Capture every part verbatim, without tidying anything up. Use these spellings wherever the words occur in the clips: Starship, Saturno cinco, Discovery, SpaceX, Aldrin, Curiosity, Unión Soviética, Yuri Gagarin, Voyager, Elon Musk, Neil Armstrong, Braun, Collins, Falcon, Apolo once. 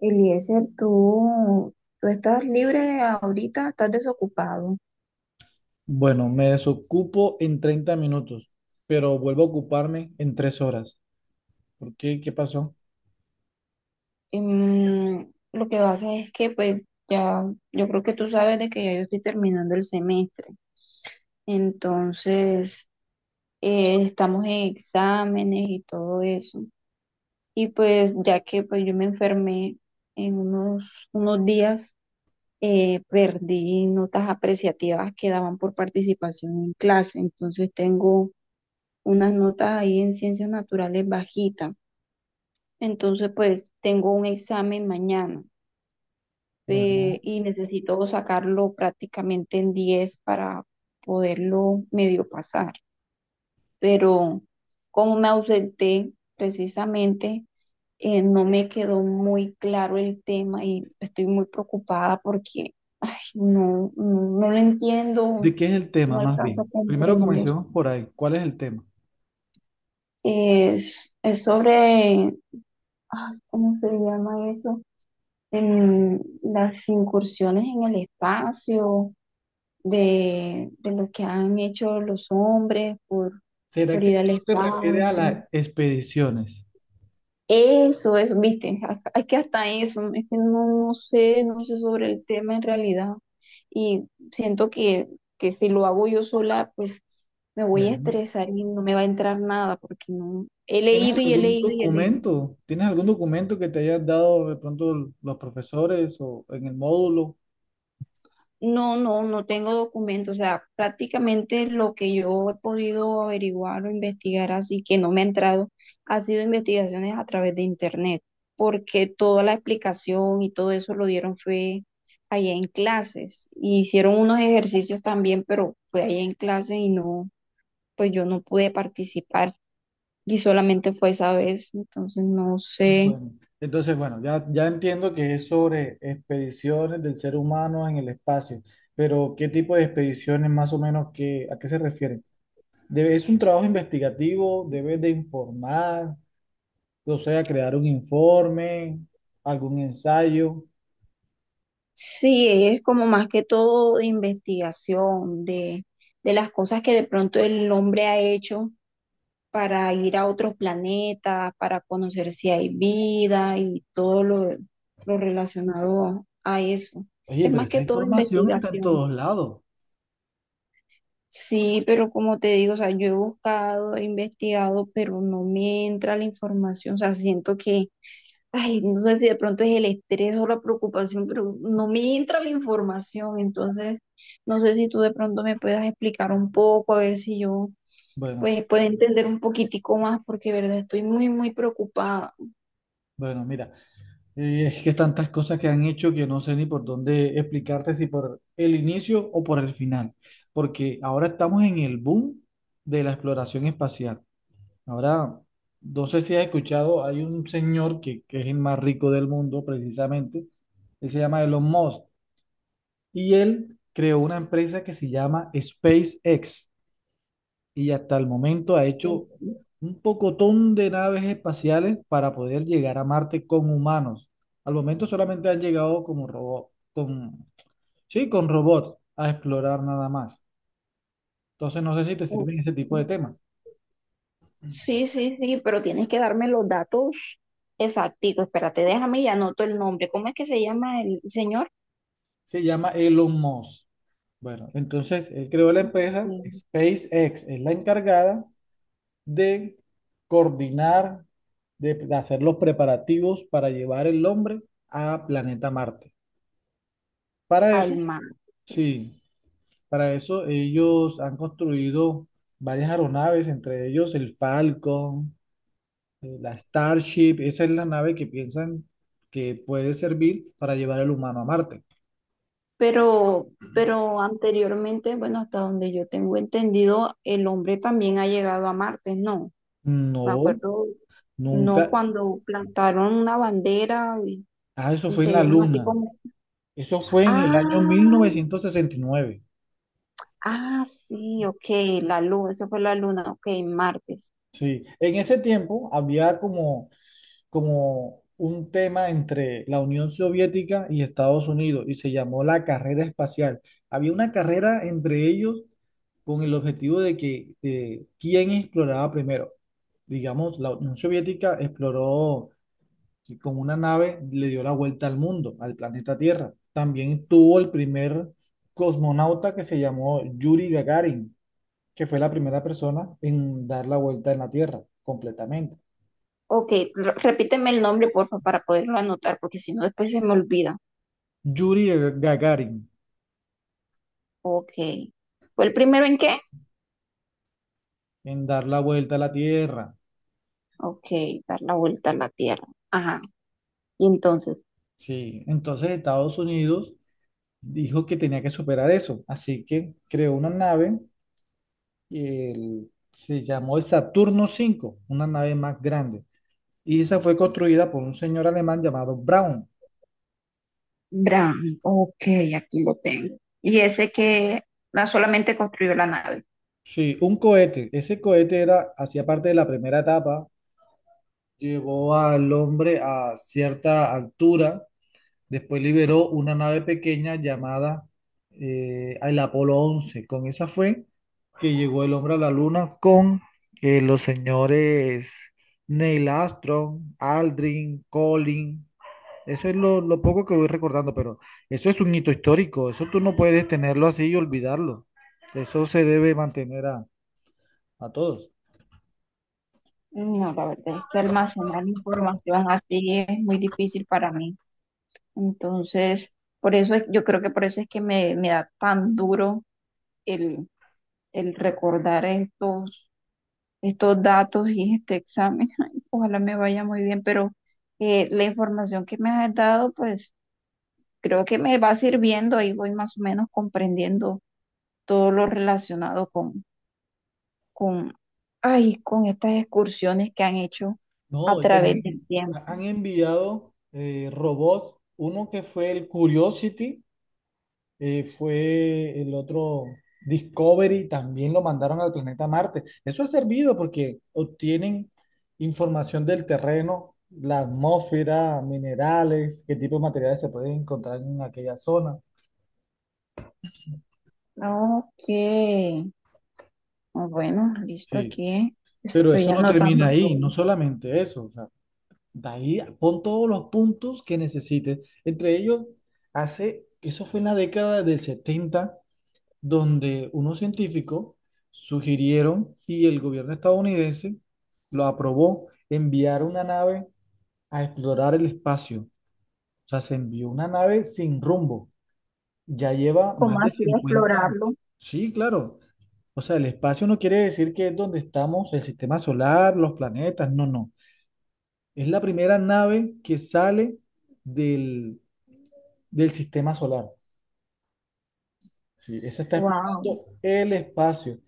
Eliezer, tú, tú estás libre ahorita, estás desocupado. Bueno, me desocupo en treinta minutos, pero vuelvo a ocuparme en tres horas. ¿Por qué? ¿Qué pasó? Em, lo que pasa es que, pues, ya, yo creo que tú sabes de que ya yo estoy terminando el semestre. Entonces, eh, estamos en exámenes y todo eso. Y pues, ya que pues yo me enfermé en unos, unos días, eh, perdí notas apreciativas que daban por participación en clase. Entonces, tengo unas notas ahí en ciencias naturales bajitas. Entonces, pues tengo un examen mañana, eh, Bueno, y necesito sacarlo prácticamente en diez para poderlo medio pasar. Pero como me ausenté precisamente, eh, no me quedó muy claro el tema y estoy muy preocupada porque ay, no, no, no lo entiendo, ¿de qué es el no tema más alcanzo a bien? Primero comprender. comencemos por ahí. ¿Cuál es el tema? Es, es sobre, ay, ¿cómo se llama eso? En las incursiones en el espacio, de, de lo que han hecho los hombres por, por ¿Será que ir al tú te refieres a espacio. las expediciones? Eso, eso, viste, a- es que hasta eso, es que no, no sé, no sé sobre el tema en realidad. Y siento que, que si lo hago yo sola, pues me voy a Bueno, estresar y no me va a entrar nada, porque no, he ¿tienes leído y he algún leído y he leído. documento? ¿Tienes algún documento que te hayas dado de pronto los profesores o en el módulo. No, no, no tengo documentos, o sea, prácticamente lo que yo he podido averiguar o investigar así que no me ha entrado ha sido investigaciones a través de internet, porque toda la explicación y todo eso lo dieron fue allá en clases, y hicieron unos ejercicios también, pero fue allá en clases y no, pues yo no pude participar y solamente fue esa vez, entonces no sé. Bueno, entonces, bueno, ya, ya entiendo que es sobre expediciones del ser humano en el espacio, pero ¿qué tipo de expediciones más o menos que, a qué se refieren? Debe- ¿es un trabajo investigativo? ¿Debes de informar? O sea, crear un informe, algún ensayo. Sí, es como más que todo de investigación, de, de las cosas que de pronto el hombre ha hecho para ir a otros planetas, para conocer si hay vida y todo lo, lo relacionado a eso. Oye, Es pero más esa que todo información está en investigación. todos lados. Sí, pero como te digo, o sea, yo he buscado, he investigado, pero no me entra la información. O sea, siento que, ay, no sé si de pronto es el estrés o la preocupación, pero no me entra la información, entonces no sé si tú de pronto me puedas explicar un poco, a ver si yo Bueno, pues puedo entender un poquitico más, porque de verdad estoy muy, muy preocupada. bueno, mira, Eh, es que tantas cosas que han hecho que no sé ni por dónde explicarte, si por el inicio o por el final, porque ahora estamos en el boom de la exploración espacial. Ahora, no sé si has escuchado, hay un señor que, que es el más rico del mundo, precisamente, él se llama Elon Musk, y él creó una empresa que se llama SpaceX y hasta el momento ha hecho un pocotón de naves espaciales para poder llegar a Marte con humanos. Al momento solamente han llegado como robot, con, sí, con robots a explorar nada más. Entonces no sé si te sirven ese tipo de temas. Sí, sí, sí, pero tienes que darme los datos exactos. Espérate, déjame y anoto el nombre. ¿Cómo es que se llama el señor? Se llama Elon Musk. Bueno, entonces él creó la empresa Sí. SpaceX, es la encargada de coordinar, de, de hacer los preparativos para llevar el hombre a planeta Marte. Para eso, Alma. sí. Para eso ellos han construido varias aeronaves, entre ellos el Falcon, eh, la Starship. Esa es la nave que piensan que puede servir para llevar al humano a Marte. Pero, pero anteriormente, bueno, hasta donde yo tengo entendido, el hombre también ha llegado a Marte, ¿no? Me No, acuerdo, no nunca. cuando plantaron una bandera y, Ah, eso y fue se en la vieron así Luna. como, Eso fue en el año mil ah, novecientos sesenta y nueve. ah, sí, ok, la luna, esa fue la luna, ok, Martes. Sí, en ese tiempo había como, como un tema entre la Unión Soviética y Estados Unidos y se llamó la carrera espacial. Había una carrera entre ellos con el objetivo de que eh, quién exploraba primero. Digamos, la Unión Soviética exploró y con una nave, le dio la vuelta al mundo, al planeta Tierra. También tuvo el primer cosmonauta que se llamó Yuri Gagarin, que fue la primera persona en dar la vuelta en la Tierra completamente. Ok, r- repíteme el nombre, porfa, para poderlo anotar, porque si no después se me olvida. Yuri Gagarin, Ok. ¿Fue el primero en qué? en dar la vuelta a la Tierra. Ok, dar la vuelta a la Tierra. Ajá. Y entonces. Sí, entonces Estados Unidos dijo que tenía que superar eso, así que creó una nave, y el- se llamó el Saturno cinco, una nave más grande, y esa fue construida por un señor alemán llamado Braun. Bran, ok, aquí lo tengo. Y ese que no solamente construyó la nave. Sí, un cohete. Ese cohete era, hacía parte de la primera etapa, llevó al hombre a cierta altura. Después liberó una nave pequeña llamada eh, el Apolo once. Con esa fue que llegó el hombre a la luna con eh, los señores Neil Armstrong, Aldrin, Collins. Eso es lo, lo poco que voy recordando, pero eso es un hito histórico. Eso tú no puedes tenerlo así y olvidarlo. Eso se debe mantener a, a todos. No, la verdad es que almacenar información así es muy difícil para mí. Entonces, por eso es- yo creo que por eso es que me, me da tan duro el, el recordar estos, estos datos y este examen. Ay, ojalá me vaya muy bien, pero eh, la información que me has dado, pues creo que me va sirviendo. Ahí voy más o menos comprendiendo todo lo relacionado con con, ay, con estas excursiones que han hecho a No, y través también del tiempo. ha- han enviado eh, robots. Uno que fue el Curiosity. Eh, fue el otro Discovery, también lo mandaron al planeta Marte. Eso ha servido porque obtienen información del terreno, la atmósfera, minerales, qué tipo de materiales se pueden encontrar en aquella zona. Ok, ah, bueno, listo Sí. aquí. Pero Estoy eso no anotando termina ahí, todo. no solamente eso. O sea, de ahí pon todos los puntos que necesites. Entre ellos, hace, eso fue en la década del setenta donde unos científicos sugirieron y el gobierno estadounidense lo aprobó, enviar una nave a explorar el espacio. O sea, se envió una nave sin rumbo. Ya lleva ¿Cómo más de así cincuenta. explorarlo? Sí, claro. O sea, el espacio no quiere decir que es donde estamos, el sistema solar, los planetas, no, no. Es la primera nave que sale del, del sistema solar. Sí, esa está Wow, explorando el espacio.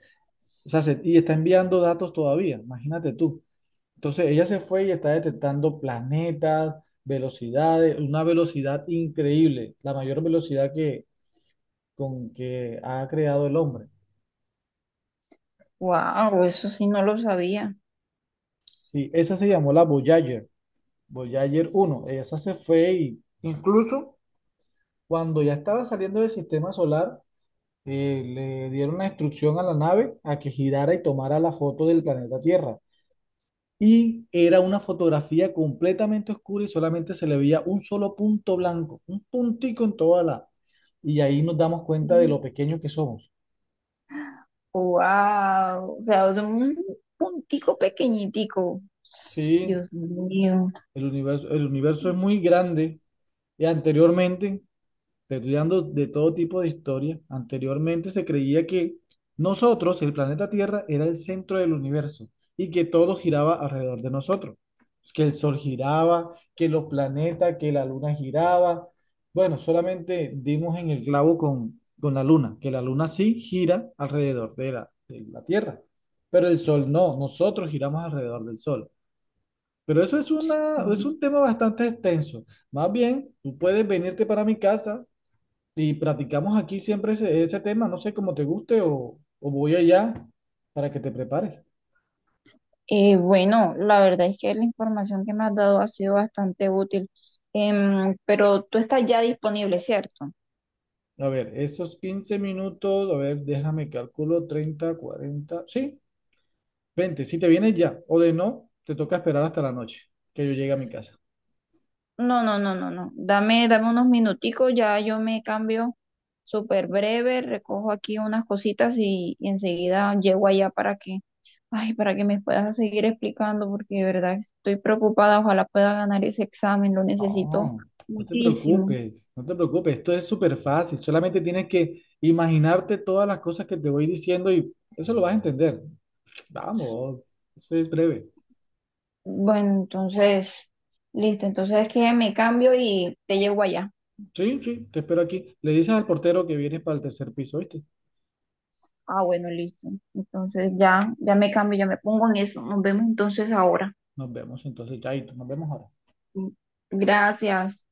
O sea, se- y está enviando datos todavía, imagínate tú. Entonces, ella se fue y está detectando planetas, velocidades, una velocidad increíble, la mayor velocidad que, con que ha creado el hombre. wow, eso sí no lo sabía. Sí, esa se llamó la Voyager, Voyager uno. Esa se fue y incluso cuando ya estaba saliendo del sistema solar, eh, le dieron la instrucción a la nave a que girara y tomara la foto del planeta Tierra. Y era una fotografía completamente oscura y solamente se le veía un solo punto blanco, un puntico en toda la... Y ahí nos damos cuenta de lo pequeños que somos. Wow, o sea, es un puntico pequeñitico. Sí, Dios mío. el universo, el universo es muy grande. Y anteriormente. Te estoy dando de todo tipo de historia. Anteriormente se creía que nosotros, el planeta Tierra, era el centro del universo y que todo giraba alrededor de nosotros. Que el Sol giraba, que los planetas, que la Luna giraba. Bueno, solamente dimos en el clavo con, con la Luna, que la Luna sí gira alrededor de la, de la Tierra, pero el Sol no, nosotros giramos alrededor del Sol. Pero eso es, una, es un tema bastante extenso. Más bien, tú puedes venirte para mi casa y practicamos aquí siempre ese, ese tema, no sé cómo te guste o, o voy allá para que te prepares. Eh, bueno, la verdad es que la información que me has dado ha sido bastante útil. Em, pero tú estás ya disponible, ¿cierto? A ver, esos quince minutos, a ver, déjame calculo, treinta, cuarenta, sí, veinte, si te vienes ya o de no, te toca esperar hasta la noche que yo llegue a mi casa. No, no, no, no, no. Dame, dame unos minuticos, ya yo me cambio súper breve, recojo aquí unas cositas y, y enseguida llego allá para que, ay, para que me puedas seguir explicando, porque de verdad estoy preocupada, ojalá pueda ganar ese examen, lo necesito No, no te muchísimo. preocupes, no te preocupes, esto es súper fácil, solamente tienes que imaginarte todas las cosas que te voy diciendo y eso lo vas a entender. Vamos, eso es breve. Bueno, entonces, listo, entonces es que me cambio y te llego allá. Sí, sí, te espero aquí. Le dices al portero que vienes para el tercer piso, ¿viste? Ah, bueno, listo. Entonces ya, ya me cambio, ya me pongo en eso. Nos vemos entonces ahora. Nos vemos entonces, chaito, nos vemos ahora. Gracias.